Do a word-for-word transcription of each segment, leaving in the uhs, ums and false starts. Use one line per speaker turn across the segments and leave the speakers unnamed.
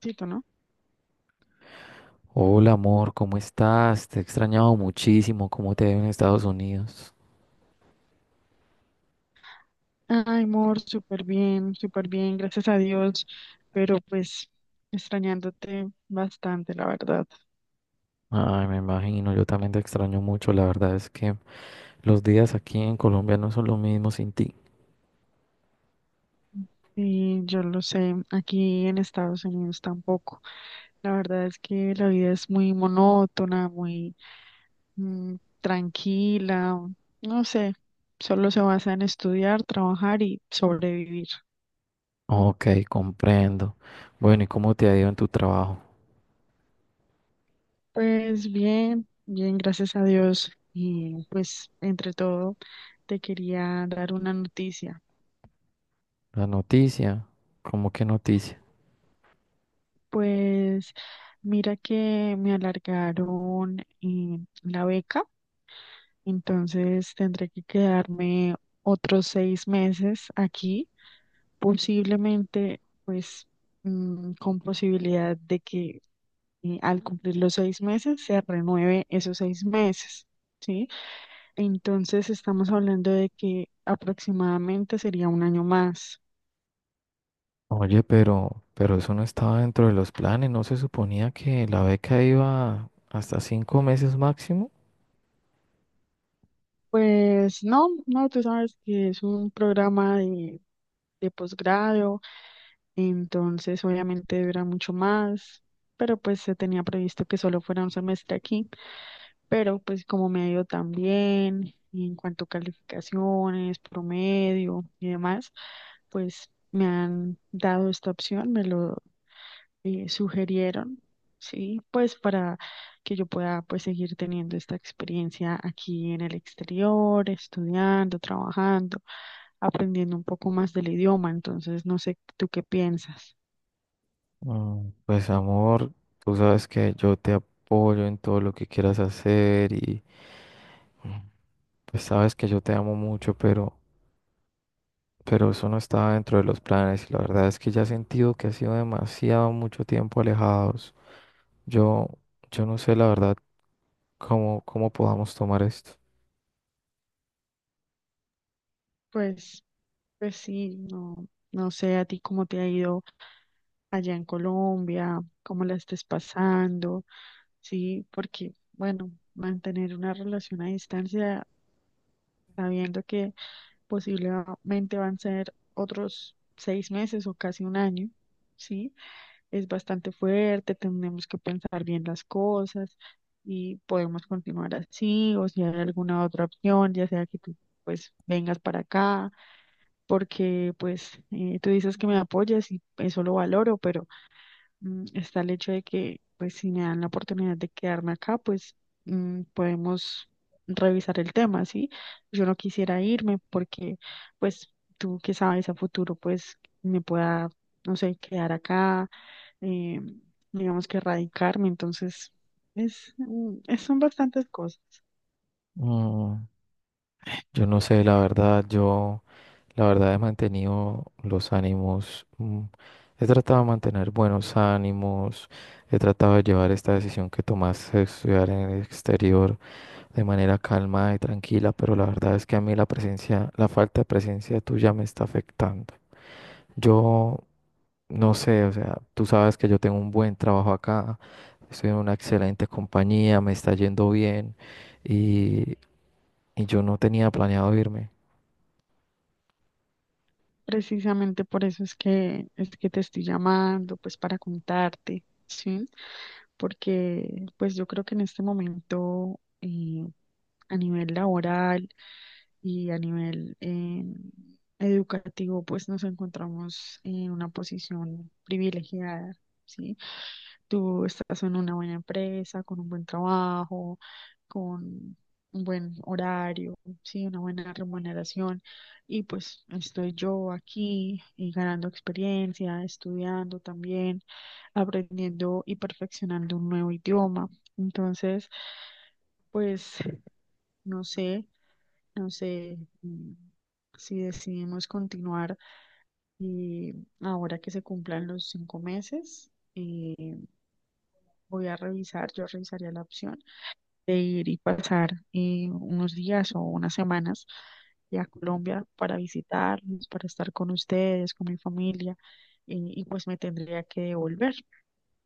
Tito, ¿no?
Hola amor, ¿cómo estás? Te he extrañado muchísimo. ¿Cómo te ha ido en Estados Unidos?
Ay, amor, súper bien, súper bien, gracias a Dios, pero pues extrañándote bastante, la verdad.
Ay, me imagino, yo también te extraño mucho. La verdad es que los días aquí en Colombia no son lo mismo sin ti.
Y yo lo sé, aquí en Estados Unidos tampoco. La verdad es que la vida es muy monótona, muy mm, tranquila, no sé, solo se basa en estudiar, trabajar y sobrevivir.
Ok, comprendo. Bueno, ¿y cómo te ha ido en tu trabajo?
Pues bien, bien, gracias a Dios. Y pues entre todo, te quería dar una noticia.
La noticia. ¿Cómo qué noticia?
Pues mira que me alargaron eh, la beca, entonces tendré que quedarme otros seis meses aquí, posiblemente pues mm, con posibilidad de que eh, al cumplir los seis meses se renueve esos seis meses, ¿sí? Entonces estamos hablando de que aproximadamente sería un año más.
Oye, pero, pero eso no estaba dentro de los planes. ¿No se suponía que la beca iba hasta cinco meses máximo?
Pues no, no, tú sabes que es un programa de, de posgrado, entonces obviamente dura mucho más, pero pues se tenía previsto que solo fuera un semestre aquí, pero pues como me ha ido tan bien en cuanto a calificaciones, promedio y demás, pues me han dado esta opción, me lo eh, sugirieron, sí, pues para que yo pueda pues seguir teniendo esta experiencia aquí en el exterior, estudiando, trabajando, aprendiendo un poco más del idioma. Entonces, no sé, ¿tú qué piensas?
Mm, Pues amor, tú sabes que yo te apoyo en todo lo que quieras hacer y mm, pues sabes que yo te amo mucho, pero, pero eso no estaba dentro de los planes y la verdad es que ya he sentido que ha sido demasiado mucho tiempo alejados. Yo, yo no sé la verdad cómo, cómo podamos tomar esto.
Pues, pues sí, no, no sé a ti cómo te ha ido allá en Colombia, cómo la estés pasando, sí, porque, bueno, mantener una relación a distancia sabiendo que posiblemente van a ser otros seis meses o casi un año, ¿sí? Es bastante fuerte, tenemos que pensar bien las cosas y podemos continuar así, o si hay alguna otra opción, ya sea que tú pues vengas para acá, porque pues eh, tú dices que me apoyas y eso lo valoro, pero mm, está el hecho de que, pues, si me dan la oportunidad de quedarme acá, pues mm, podemos revisar el tema, ¿sí? Yo no quisiera irme porque, pues, tú que sabes a futuro, pues, me pueda, no sé, quedar acá, eh, digamos que radicarme, entonces, es, mm, es- son bastantes cosas.
Mm, Yo no sé la verdad, yo... La verdad he mantenido los ánimos, mm, he tratado de mantener buenos ánimos, he tratado de llevar esta decisión que tomaste de estudiar en el exterior de manera calma y tranquila, pero la verdad es que a mí la presencia, la falta de presencia tuya me está afectando. Yo no sé, o sea, tú sabes que yo tengo un buen trabajo acá, estoy en una excelente compañía, me está yendo bien y, y yo no tenía planeado irme.
Precisamente por eso es que es que te estoy llamando, pues para contarte, ¿sí? Porque pues yo creo que en este momento eh, a nivel laboral y a nivel eh, educativo, pues nos encontramos en una posición privilegiada, ¿sí? Tú estás en una buena empresa, con un buen trabajo, con un buen horario, ¿sí? Una buena remuneración. Y pues estoy yo aquí eh, ganando experiencia, estudiando también, aprendiendo y perfeccionando un nuevo idioma. Entonces, pues no sé, no sé mm, si decidimos continuar y ahora que se cumplan los cinco meses, eh, voy a revisar, yo revisaría la opción de ir y pasar eh, unos días o unas semanas ya a Colombia para visitarlos, para estar con ustedes, con mi familia, eh, y pues me tendría que devolver.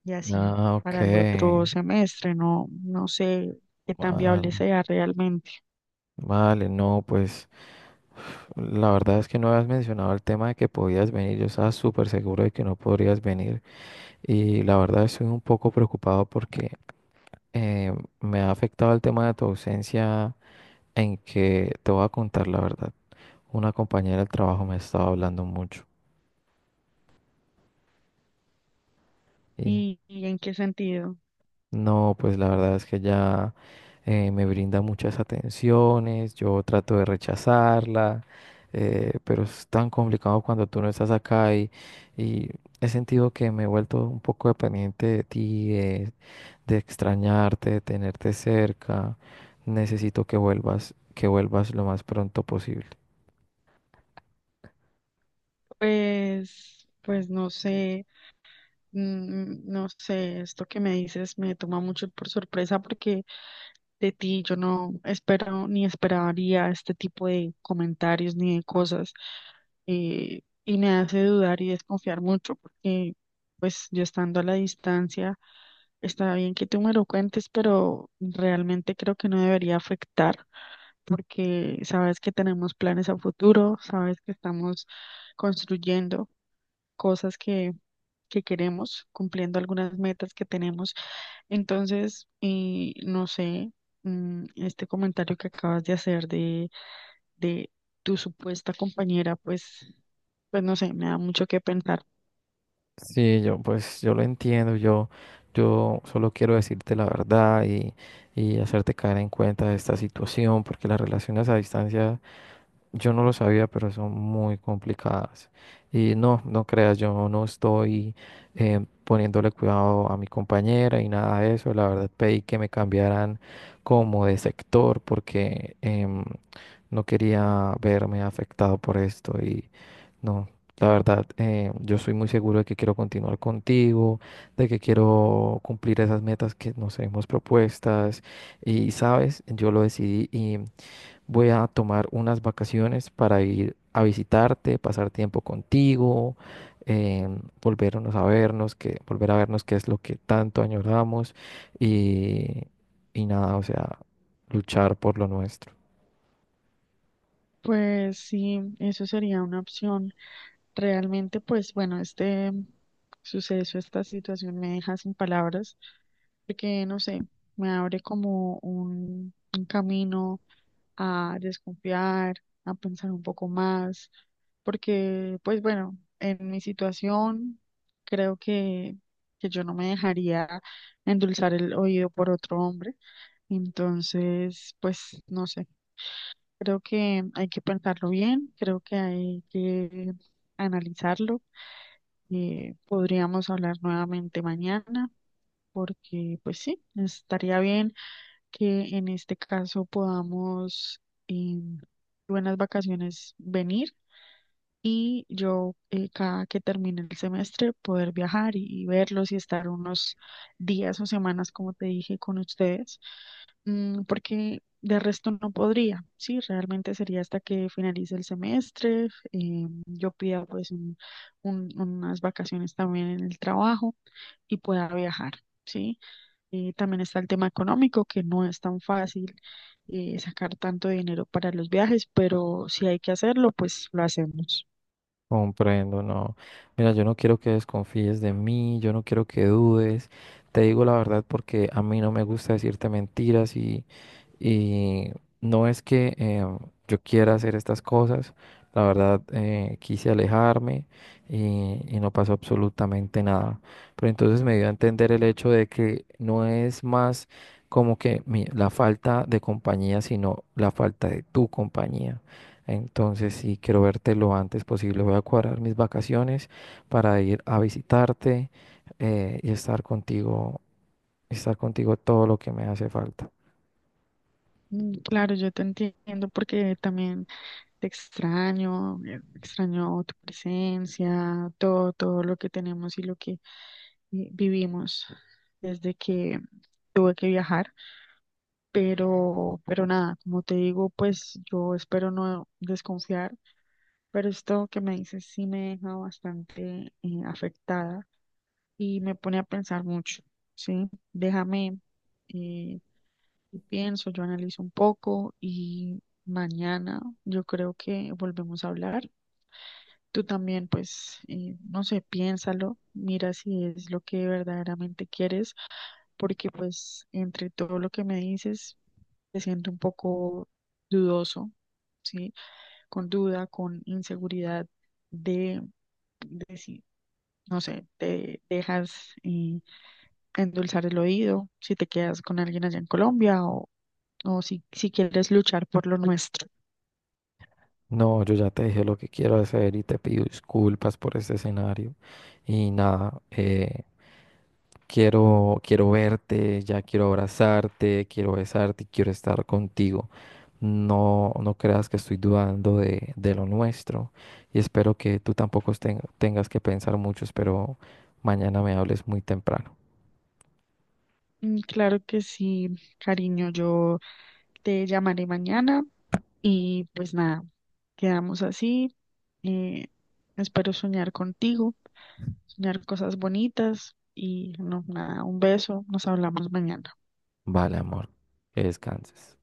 Y así
Ah, ok.
para el otro semestre, no, no sé qué tan
Ah,
viable sea realmente.
vale, no, pues la verdad es que no habías mencionado el tema de que podías venir. Yo estaba súper seguro de que no podrías venir. Y la verdad estoy un poco preocupado porque eh, me ha afectado el tema de tu ausencia en que te voy a contar la verdad. Una compañera del trabajo me estaba hablando mucho. Y
¿Y, y en qué sentido?
no, pues la verdad es que ya eh, me brinda muchas atenciones, yo trato de rechazarla, eh, pero es tan complicado cuando tú no estás acá y, y he sentido que me he vuelto un poco dependiente de ti, de, de extrañarte, de tenerte cerca. Necesito que vuelvas, que vuelvas lo más pronto posible.
Pues, pues no sé. Mm, mm, No sé, esto que me dices me toma mucho por sorpresa porque de ti yo no espero ni esperaría este tipo de comentarios ni de cosas eh, y me hace dudar y desconfiar mucho porque pues yo estando a la distancia está bien que tú me lo cuentes, pero realmente creo que no debería afectar porque sabes que tenemos planes a futuro, sabes que estamos construyendo cosas que, que queremos, cumpliendo algunas metas que tenemos. Entonces, y no sé, mm, este comentario que acabas de hacer de, de tu supuesta compañera, pues, pues no sé, me da mucho que pensar.
Sí, yo pues yo lo entiendo, yo, yo solo quiero decirte la verdad y, y hacerte caer en cuenta de esta situación, porque las relaciones a distancia yo no lo sabía, pero son muy complicadas. Y no, no creas, yo no estoy eh, poniéndole cuidado a mi compañera y nada de eso. La verdad pedí que me cambiaran como de sector porque em, no quería verme afectado por esto. Y no, la verdad, eh, yo soy muy seguro de que quiero continuar contigo, de que quiero cumplir esas metas que nos hemos propuestas. Y sabes, yo lo decidí y voy a tomar unas vacaciones para ir a visitarte, pasar tiempo contigo, em, volvernos a vernos, que, volver a vernos qué es lo que tanto añoramos y, y nada, o sea, luchar por lo nuestro.
Pues sí, eso sería una opción. Realmente, pues bueno, este suceso, esta situación me deja sin palabras, porque no sé, me abre como un, un camino a desconfiar, a pensar un poco más, porque pues bueno, en mi situación creo que, que yo no me dejaría endulzar el oído por otro hombre, entonces pues no sé, creo que hay que pensarlo bien, creo que hay que analizarlo, eh, podríamos hablar nuevamente mañana, porque pues sí, estaría bien que en este caso podamos en buenas vacaciones venir y yo eh, cada que termine el semestre poder viajar y, y verlos y estar unos días o semanas, como te dije, con ustedes, mm, porque de resto no podría, sí, realmente sería hasta que finalice el semestre, eh, yo pida pues un- un- unas vacaciones también en el trabajo y pueda viajar, sí. Y también está el tema económico, que no es tan fácil eh, sacar tanto dinero para los viajes, pero si hay que hacerlo, pues lo hacemos.
Comprendo, no. Mira, yo no quiero que desconfíes de mí, yo no quiero que dudes. Te digo la verdad porque a mí no me gusta decirte mentiras y Y no es que eh, yo quiera hacer estas cosas, la verdad eh, quise alejarme y, y no pasó absolutamente nada. Pero entonces me dio a entender el hecho de que no es más como que mi- la falta de compañía, sino la falta de tu compañía. Entonces, sí, quiero verte lo antes posible. Voy a cuadrar mis vacaciones para ir a visitarte eh, y estar contigo, estar contigo todo lo que me hace falta.
Mm, claro, yo te entiendo porque también te extraño, eh, extraño tu presencia, todo, todo lo que tenemos y lo que eh, vivimos desde que tuve que viajar, pero, pero nada, como te digo, pues yo espero no desconfiar, pero esto que me dices sí me deja bastante eh, afectada y me pone a pensar mucho, ¿sí? Déjame, eh, yo pienso, yo analizo un poco y mañana yo creo que volvemos a hablar. Tú también, pues, eh, no sé, piénsalo, mira si es lo que verdaderamente quieres, porque pues entre todo lo que me dices, te siento un poco dudoso, ¿sí? Con duda, con inseguridad de, de si, no sé, te dejas... eh, endulzar el oído, si te quedas con alguien allá en Colombia o, o si, si quieres luchar por lo nuestro.
No, yo ya te dije lo que quiero hacer y te pido disculpas por este escenario. Y nada, eh, quiero, quiero verte, ya quiero abrazarte, quiero besarte y quiero estar contigo. No, no creas que estoy dudando de, de lo nuestro y espero que tú tampoco ten- tengas que pensar mucho. Espero mañana me hables muy temprano.
Mm, claro que sí, cariño, yo te llamaré mañana y pues nada, quedamos así. eh, espero soñar contigo, soñar cosas bonitas y no, nada, un beso, nos hablamos mañana.
Vale, amor, que descanses.